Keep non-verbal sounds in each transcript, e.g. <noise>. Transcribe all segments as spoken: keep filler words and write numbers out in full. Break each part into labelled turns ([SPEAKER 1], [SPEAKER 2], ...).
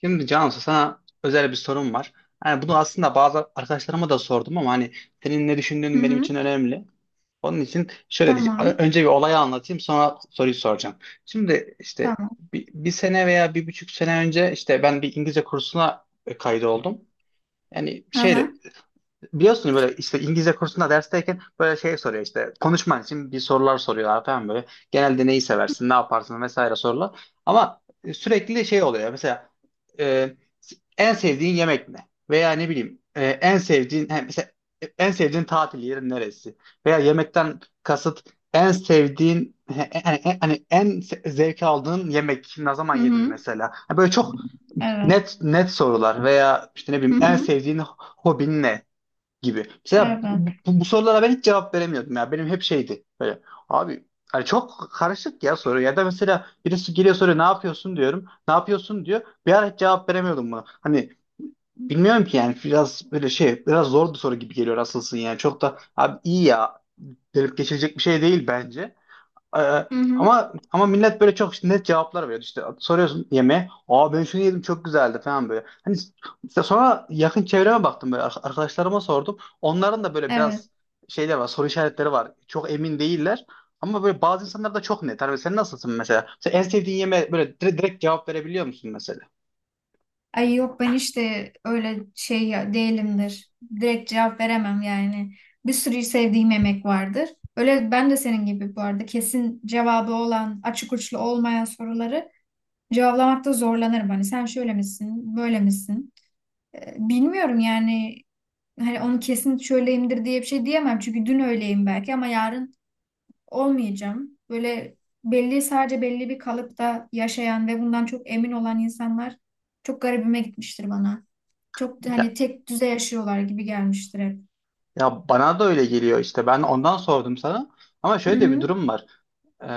[SPEAKER 1] Şimdi Cansu sana özel bir sorum var. Yani bunu aslında bazı arkadaşlarıma da sordum ama hani senin ne
[SPEAKER 2] Hı
[SPEAKER 1] düşündüğün benim
[SPEAKER 2] hı.
[SPEAKER 1] için önemli. Onun için şöyle diyeceğim. Ö-
[SPEAKER 2] Tamam.
[SPEAKER 1] Önce bir olayı anlatayım sonra soruyu soracağım. Şimdi işte
[SPEAKER 2] Tamam.
[SPEAKER 1] bir, bir sene veya bir buçuk sene önce işte ben bir İngilizce kursuna e, kaydoldum. Yani
[SPEAKER 2] Hı hı.
[SPEAKER 1] şeyle. Biliyorsun böyle işte İngilizce kursunda dersteyken böyle şey soruyor, işte konuşman için bir sorular soruyorlar falan böyle. Genelde neyi seversin, ne yaparsın vesaire sorular. Ama e, sürekli şey oluyor mesela e, en sevdiğin yemek ne? Veya ne bileyim e, en sevdiğin he, mesela e, en sevdiğin tatil yeri neresi? Veya yemekten kasıt en sevdiğin he, he, hani he, hani en se- zevk aldığın yemek ne zaman
[SPEAKER 2] Hı
[SPEAKER 1] yedin
[SPEAKER 2] hı.
[SPEAKER 1] mesela? Ha, böyle çok
[SPEAKER 2] Evet.
[SPEAKER 1] net net sorular veya işte ne
[SPEAKER 2] Hı
[SPEAKER 1] bileyim en
[SPEAKER 2] hı.
[SPEAKER 1] sevdiğin hobin ne gibi. Mesela
[SPEAKER 2] Evet.
[SPEAKER 1] bu, bu- bu sorulara ben hiç cevap veremiyordum ya. Benim hep şeydi böyle, abi hani çok karışık ya soru, ya da mesela birisi geliyor soruyor, ne yapıyorsun diyorum. Ne yapıyorsun diyor. Bir ara hiç cevap veremiyordum buna. Hani bilmiyorum ki yani, biraz böyle şey, biraz zor bir soru gibi geliyor asılsın yani. Çok da abi iyi ya, delip geçilecek bir şey değil bence. Ee,
[SPEAKER 2] Hı hı.
[SPEAKER 1] ama ama millet böyle çok işte net cevaplar veriyor. İşte soruyorsun yemeğe. Aa, ben şunu yedim çok güzeldi falan böyle. Hani işte sonra yakın çevreme baktım, böyle ar- arkadaşlarıma sordum. Onların da böyle
[SPEAKER 2] Evet.
[SPEAKER 1] biraz şeyler var, soru işaretleri var. Çok emin değiller. Ama böyle bazı insanlar da çok net. Hani sen nasılsın mesela? Sen en sevdiğin yemeğe böyle direkt, direkt cevap verebiliyor musun mesela?
[SPEAKER 2] Ay yok, ben işte öyle şey ya- değilimdir. Direkt cevap veremem yani. Bir sürü sevdiğim yemek vardır. Öyle ben de senin gibi bu arada kesin cevabı olan, açık uçlu olmayan soruları cevaplamakta zorlanırım. Hani sen şöyle misin, böyle misin? Ee, bilmiyorum yani, hani onu kesin şöyleyimdir diye bir şey diyemem. Çünkü dün öyleyim belki ama yarın olmayacağım. Böyle belli, sadece belli bir kalıpta yaşayan ve bundan çok emin olan insanlar çok garibime gitmiştir bana. Çok da hani
[SPEAKER 1] Ya,
[SPEAKER 2] tek düze yaşıyorlar gibi gelmiştir hep.
[SPEAKER 1] ya bana da öyle geliyor işte. Ben ondan sordum sana. Ama
[SPEAKER 2] Hı
[SPEAKER 1] şöyle de bir
[SPEAKER 2] hı.
[SPEAKER 1] durum var. Ee,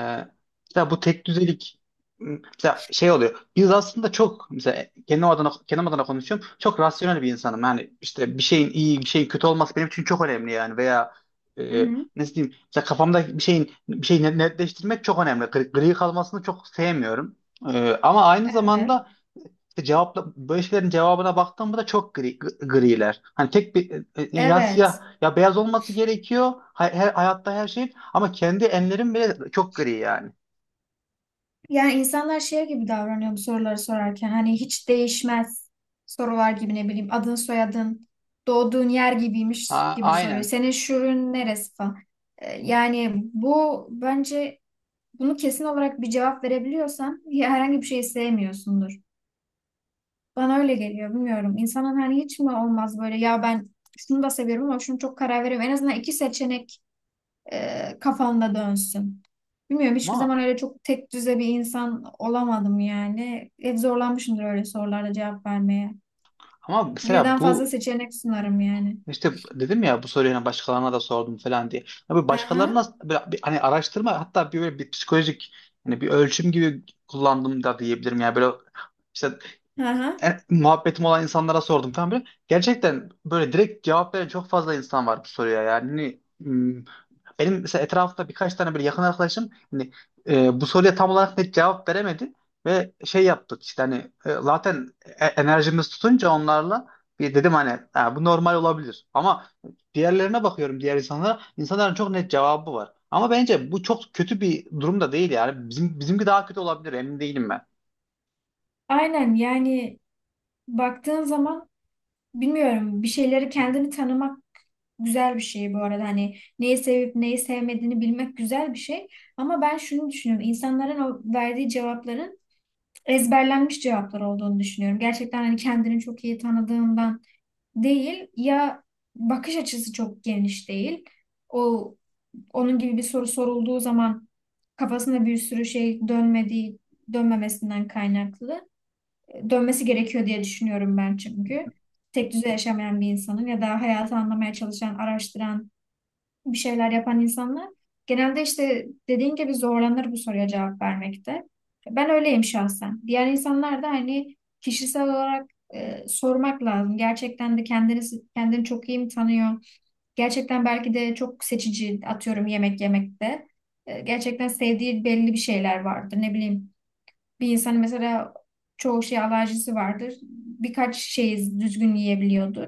[SPEAKER 1] mesela bu tek düzelik, m, mesela şey oluyor. Biz aslında çok, mesela kendim adına kendim adına konuşuyorum. Çok rasyonel bir insanım. Yani işte bir şeyin iyi, bir şeyin kötü olması benim için çok önemli yani, veya
[SPEAKER 2] Hı
[SPEAKER 1] e,
[SPEAKER 2] hı.
[SPEAKER 1] nasıl diyeyim? Mesela kafamda bir şeyin bir şeyi net- netleştirmek çok önemli. Gri, gri kalmasını çok sevmiyorum. Ee, ama aynı
[SPEAKER 2] Evet.
[SPEAKER 1] zamanda cevapla, böyle şeylerin cevabına baktığımda da çok gri, griler. Hani tek bir, e, ya siyah
[SPEAKER 2] Evet.
[SPEAKER 1] ya beyaz olması gerekiyor. Hay- her- hayatta her şeyin, ama kendi enlerim bile çok gri yani.
[SPEAKER 2] Yani insanlar şey gibi davranıyor bu soruları sorarken. Hani hiç değişmez sorular gibi, ne bileyim adın, soyadın, doğduğun yer gibiymiş
[SPEAKER 1] A-
[SPEAKER 2] gibi soruyor.
[SPEAKER 1] aynen.
[SPEAKER 2] Senin şurun neresi falan. Ee, Yani bu bence, bunu kesin olarak bir cevap verebiliyorsan ya herhangi bir şeyi sevmiyorsundur. Bana öyle geliyor, bilmiyorum. İnsanın hani hiç mi olmaz böyle, ya ben şunu da seviyorum ama şunu çok karar veriyorum. En azından iki seçenek e, kafamda dönsün. Bilmiyorum, hiçbir
[SPEAKER 1] Ama
[SPEAKER 2] zaman öyle çok tek düze bir insan olamadım yani. Hep zorlanmışımdır öyle sorularda cevap vermeye.
[SPEAKER 1] ama mesela
[SPEAKER 2] Birden fazla
[SPEAKER 1] bu,
[SPEAKER 2] seçenek sunarım yani.
[SPEAKER 1] işte dedim ya, bu soruyu hani başkalarına da sordum falan diye. Abi
[SPEAKER 2] Hı hı.
[SPEAKER 1] başkalarına böyle bir- hani araştırma, hatta bir böyle bir psikolojik hani bir ölçüm gibi kullandım da diyebilirim. Yani böyle işte
[SPEAKER 2] Hı hı.
[SPEAKER 1] e, muhabbetim olan insanlara sordum falan böyle. Gerçekten böyle direkt cevap veren çok fazla insan var bu soruya yani. Hani, hmm, benim mesela etrafta birkaç tane böyle yakın arkadaşım hani, e, bu soruya tam olarak net cevap veremedi ve şey yaptık işte, hani e, zaten e- enerjimiz tutunca onlarla bir dedim, hani "Ha, bu normal olabilir ama diğerlerine bakıyorum, diğer insanlara, insanların çok net cevabı var, ama bence bu çok kötü bir durum da değil yani, bizim bizimki daha kötü olabilir, emin değilim ben."
[SPEAKER 2] Aynen yani, baktığın zaman bilmiyorum, bir şeyleri kendini tanımak güzel bir şey bu arada. Hani neyi sevip neyi sevmediğini bilmek güzel bir şey. Ama ben şunu düşünüyorum. İnsanların o verdiği cevapların ezberlenmiş cevaplar olduğunu düşünüyorum. Gerçekten hani kendini çok iyi tanıdığından değil ya, bakış açısı çok geniş değil. O onun gibi bir soru sorulduğu zaman kafasında bir sürü şey dönmediği, dönmemesinden kaynaklı, dönmesi gerekiyor diye düşünüyorum ben çünkü. Tek düze yaşamayan bir insanın ya da hayatı anlamaya çalışan, araştıran, bir şeyler yapan insanlar genelde işte dediğin gibi zorlanır bu soruya cevap vermekte. Ben öyleyim şahsen. Diğer insanlar da hani kişisel olarak e, sormak lazım. Gerçekten de kendini kendini çok iyi mi tanıyor? Gerçekten belki de çok seçici, atıyorum yemek yemekte. E, gerçekten sevdiği belli bir şeyler vardır. Ne bileyim, bir insan mesela çoğu şey alerjisi vardır. Birkaç şeyi düzgün yiyebiliyordur.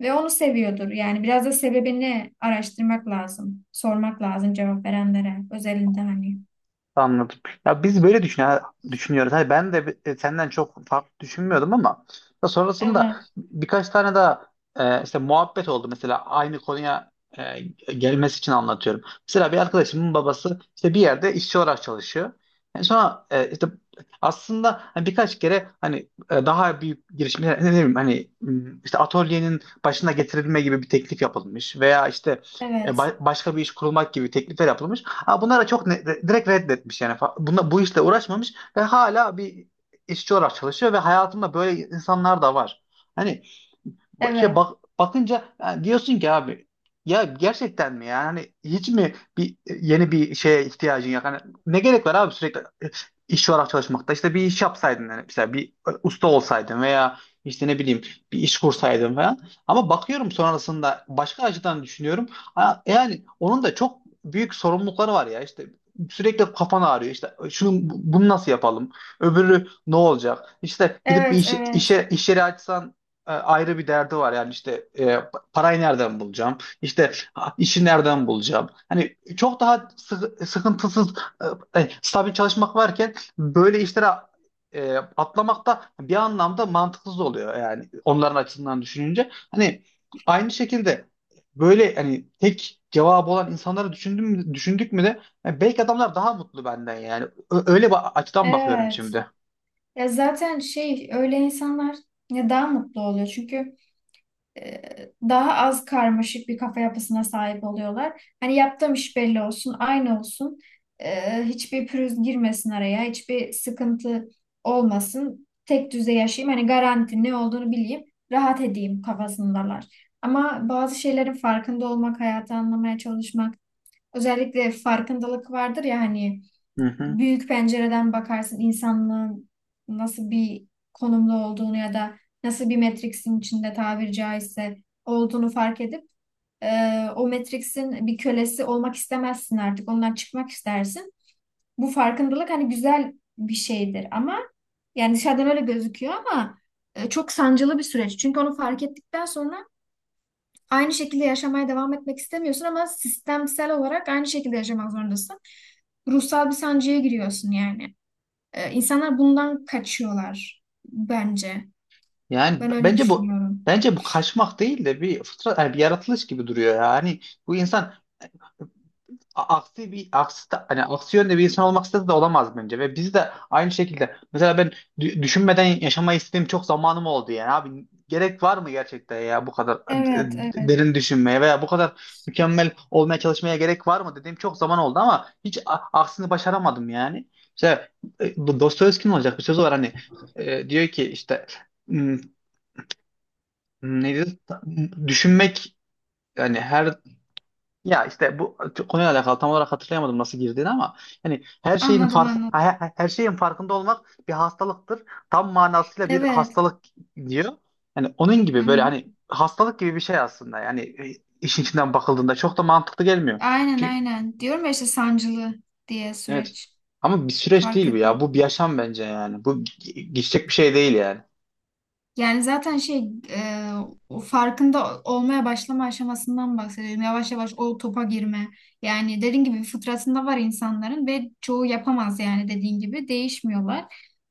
[SPEAKER 2] Ve onu seviyordur. Yani biraz da sebebini araştırmak lazım. Sormak lazım cevap verenlere. Özelinde hani.
[SPEAKER 1] Anladım. Ya biz böyle düşün düşünüyoruz. Hani ben de, bi- e, senden çok farklı düşünmüyordum ama ya sonrasında
[SPEAKER 2] Evet,
[SPEAKER 1] birkaç tane daha e, işte muhabbet oldu, mesela aynı konuya e, gelmesi için anlatıyorum. Mesela bir arkadaşımın babası işte bir yerde işçi olarak çalışıyor. Yani sonra e, işte aslında hani birkaç kere hani e, daha büyük girişimler, ne bileyim hani m, işte atölyenin başına getirilme gibi bir teklif yapılmış, veya işte e,
[SPEAKER 2] evet,
[SPEAKER 1] ba- başka bir iş kurulmak gibi teklifler yapılmış. Ha, bunlara çok ne- direkt reddetmiş yani. Fa- Bunda, bu işle uğraşmamış ve hala bir işçi olarak çalışıyor, ve hayatımda böyle insanlar da var. Hani Ba- şey,
[SPEAKER 2] evet,
[SPEAKER 1] bak bakınca yani diyorsun ki, abi ya gerçekten mi yani, hani hiç mi bir e, yeni bir şeye ihtiyacın yok, hani ne gerek var abi sürekli e, iş olarak çalışmakta, işte bir iş yapsaydın yani, mesela bir e, usta olsaydın, veya işte ne bileyim bir iş kursaydın falan. Ama bakıyorum sonrasında başka açıdan düşünüyorum. Ha, yani onun da çok büyük sorumlulukları var ya, işte sürekli kafan ağrıyor, işte şunu bunu nasıl yapalım, öbürü ne olacak, işte gidip bir
[SPEAKER 2] evet,
[SPEAKER 1] iş,
[SPEAKER 2] evet,
[SPEAKER 1] işe iş yeri açsan, e, ayrı bir derdi var. Yani işte e, pa- parayı nereden bulacağım? İşte, ha, işi nereden bulacağım? Hani çok daha sıkı- sıkıntısız, e, e, stabil çalışmak varken böyle işlere e, atlamak da bir anlamda mantıksız oluyor yani onların açısından düşününce. Hani aynı şekilde, böyle hani tek cevabı olan insanları düşündüm mü- düşündük mü de yani, belki adamlar daha mutlu benden yani. Ö- öyle bir açıdan bakıyorum
[SPEAKER 2] evet.
[SPEAKER 1] şimdi.
[SPEAKER 2] Ya zaten şey, öyle insanlar ya daha mutlu oluyor. Çünkü e, daha az karmaşık bir kafa yapısına sahip oluyorlar. Hani yaptığım iş belli olsun, aynı olsun. E, hiçbir pürüz girmesin araya, hiçbir sıkıntı olmasın. Tek düze yaşayayım. Hani garanti, ne olduğunu bileyim, rahat edeyim kafasındalar. Ama bazı şeylerin farkında olmak, hayatı anlamaya çalışmak, özellikle farkındalık vardır ya hani,
[SPEAKER 1] Hı hı.
[SPEAKER 2] büyük pencereden bakarsın insanlığın nasıl bir konumda olduğunu ya da nasıl bir Matrix'in içinde tabiri caizse olduğunu fark edip e, o Matrix'in bir kölesi olmak istemezsin artık. Ondan çıkmak istersin. Bu farkındalık hani güzel bir şeydir ama, yani dışarıdan öyle gözüküyor ama e, çok sancılı bir süreç. Çünkü onu fark ettikten sonra aynı şekilde yaşamaya devam etmek istemiyorsun ama sistemsel olarak aynı şekilde yaşamak zorundasın. Ruhsal bir sancıya giriyorsun yani. Ee, insanlar bundan kaçıyorlar bence.
[SPEAKER 1] Yani
[SPEAKER 2] Ben
[SPEAKER 1] b-
[SPEAKER 2] öyle
[SPEAKER 1] bence bu
[SPEAKER 2] düşünüyorum.
[SPEAKER 1] bence bu kaçmak değil de bir fıtrat, yani bir yaratılış gibi duruyor ya. Hani bu insan, a- aksi bir aksi ta- hani aksi yönde bir insan olmak istese de olamaz bence, ve biz de aynı şekilde, mesela ben dü- düşünmeden yaşamayı istediğim çok zamanım oldu yani, abi gerek var mı gerçekten ya bu kadar e,
[SPEAKER 2] Evet, evet.
[SPEAKER 1] derin düşünmeye, veya bu kadar mükemmel olmaya çalışmaya gerek var mı dediğim çok zaman oldu ama hiç a- aksini başaramadım yani. İşte e, bu Dostoyevski'nin olacak bir sözü var hani, e, diyor ki işte, "Hmm, Hmm, Neydi? Düşünmek, yani her, ya işte bu konuyla alakalı tam olarak hatırlayamadım nasıl girdiğini ama, yani her şeyin
[SPEAKER 2] Anladım,
[SPEAKER 1] fark
[SPEAKER 2] anladım.
[SPEAKER 1] her, her şeyin farkında olmak bir hastalıktır. Tam manasıyla bir
[SPEAKER 2] Evet.
[SPEAKER 1] hastalık" diyor. Yani onun
[SPEAKER 2] Hı
[SPEAKER 1] gibi, böyle
[SPEAKER 2] hı.
[SPEAKER 1] hani hastalık gibi bir şey aslında. Yani e, işin içinden bakıldığında çok da mantıklı gelmiyor.
[SPEAKER 2] Aynen,
[SPEAKER 1] Çünkü
[SPEAKER 2] aynen. Diyorum ya işte sancılı diye
[SPEAKER 1] evet,
[SPEAKER 2] süreç.
[SPEAKER 1] ama bir süreç
[SPEAKER 2] Fark
[SPEAKER 1] değil bu ya.
[SPEAKER 2] etmek.
[SPEAKER 1] Bu bir yaşam bence yani. Bu ge- geçecek bir şey değil yani.
[SPEAKER 2] Yani zaten şey, e, o farkında olmaya başlama aşamasından bahsediyorum. Yavaş yavaş o topa girme. Yani dediğin gibi fıtratında var insanların ve çoğu yapamaz, yani dediğin gibi değişmiyorlar.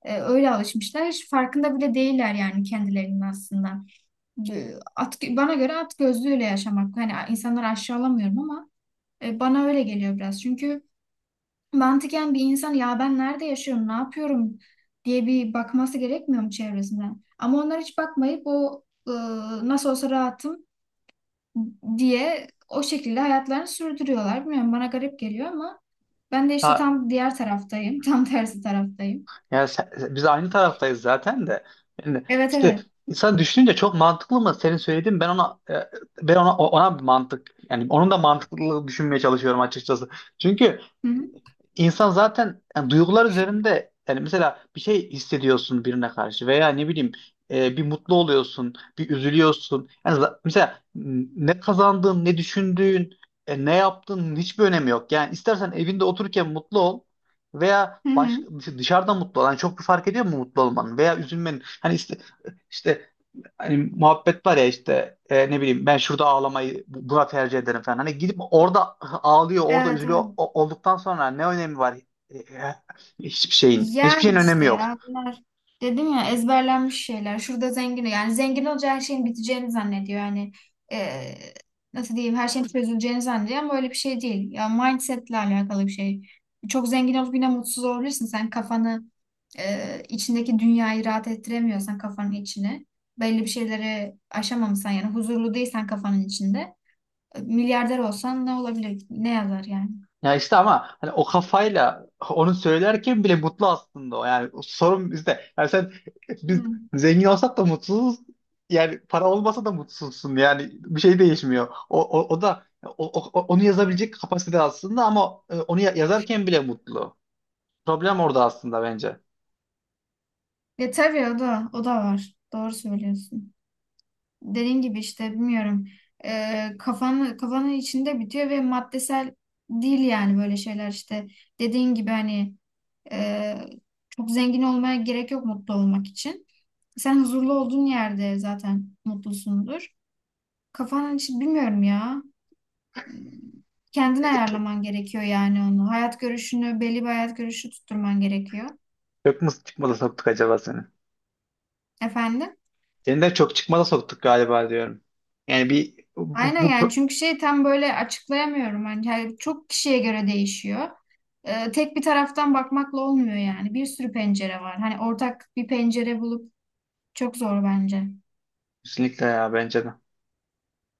[SPEAKER 2] E, öyle alışmışlar. Hiç farkında bile değiller yani kendilerinin aslında. E, at, bana göre at gözlüğüyle yaşamak. Hani insanları aşağılamıyorum ama e, bana öyle geliyor biraz. Çünkü mantıken bir insan, ya ben nerede yaşıyorum, ne yapıyorum diye bir bakması gerekmiyor mu çevresinden? Ama onlar hiç bakmayıp o, e, nasıl olsa rahatım diye o şekilde hayatlarını sürdürüyorlar. Bilmiyorum, bana garip geliyor ama ben de işte
[SPEAKER 1] Ha,
[SPEAKER 2] tam diğer taraftayım. <laughs> Tam tersi taraftayım.
[SPEAKER 1] yani sen- biz aynı taraftayız zaten de. Yani
[SPEAKER 2] Evet,
[SPEAKER 1] işte
[SPEAKER 2] evet.
[SPEAKER 1] insan düşününce çok mantıklı mı senin söylediğin, ben ona e, ben ona ona bir mantık, yani onun da mantıklılığı düşünmeye çalışıyorum açıkçası. Çünkü
[SPEAKER 2] Hı hı.
[SPEAKER 1] İnsan zaten, yani duygular üzerinde, yani mesela bir şey hissediyorsun birine karşı, veya ne bileyim e, bir mutlu oluyorsun, bir üzülüyorsun. Yani za- mesela, m, ne kazandığın, ne düşündüğün, e, ne yaptığın hiçbir önemi yok. Yani istersen evinde otururken mutlu ol, veya
[SPEAKER 2] Hı hı.
[SPEAKER 1] başka, dışarıda mutlu ol. Yani çok bir fark ediyor mu mutlu olmanın veya üzülmenin? Hani işte, işte hani muhabbet var ya, işte e, ne bileyim, ben şurada ağlamayı bu- buna tercih ederim falan. Hani gidip orada ağlıyor, orada
[SPEAKER 2] Evet,
[SPEAKER 1] üzülüyor
[SPEAKER 2] evet.
[SPEAKER 1] o- olduktan sonra ne önemi var? E, e, Hiçbir şeyin. Hiçbir şeyin
[SPEAKER 2] Yani
[SPEAKER 1] önemi
[SPEAKER 2] işte
[SPEAKER 1] yok.
[SPEAKER 2] ya, bunlar dedim ya, ezberlenmiş şeyler. Şurada zengin, yani zengin olunca her şeyin biteceğini zannediyor. Yani e, nasıl diyeyim, her şeyin çözüleceğini zannediyor ama öyle bir şey değil. Ya mindsetle alakalı bir şey. Çok zengin olup yine mutsuz olabilirsin. Sen kafanı, e, içindeki dünyayı rahat ettiremiyorsan, kafanın içine belli bir şeyleri aşamamışsan, yani huzurlu değilsen kafanın içinde, e, milyarder olsan ne olabilir? Ne yazar yani?
[SPEAKER 1] Ya işte, ama hani o kafayla onu söylerken bile mutlu aslında o. Yani sorun bizde. Yani sen biz
[SPEAKER 2] Hmm.
[SPEAKER 1] zengin olsak da mutsuzuz. Yani para olmasa da mutsuzsun. Yani bir şey değişmiyor. O, o, o da o, o- onu yazabilecek kapasite aslında, ama e, onu ya- yazarken bile mutlu. Problem orada aslında bence.
[SPEAKER 2] Ya tabii, o da o da var. Doğru söylüyorsun. Dediğin gibi işte bilmiyorum, e, kafanın kafanın içinde bitiyor ve maddesel değil yani, böyle şeyler işte dediğin gibi hani, e, çok zengin olmaya gerek yok mutlu olmak için. Sen huzurlu olduğun yerde zaten mutlusundur. Kafanın içi bilmiyorum ya. Kendin ayarlaman gerekiyor yani onu. Hayat görüşünü, belli bir hayat görüşü tutturman gerekiyor.
[SPEAKER 1] Çok mu çıkmaza soktuk acaba seni?
[SPEAKER 2] Efendim?
[SPEAKER 1] Seni de çok çıkmaza soktuk galiba diyorum. Yani bir bu,
[SPEAKER 2] Aynen yani,
[SPEAKER 1] bu
[SPEAKER 2] çünkü şey, tam böyle açıklayamıyorum. Hani yani çok kişiye göre değişiyor. Ee, tek bir taraftan bakmakla olmuyor yani. Bir sürü pencere var. Hani ortak bir pencere bulup çok zor bence.
[SPEAKER 1] kesinlikle, ya bence de.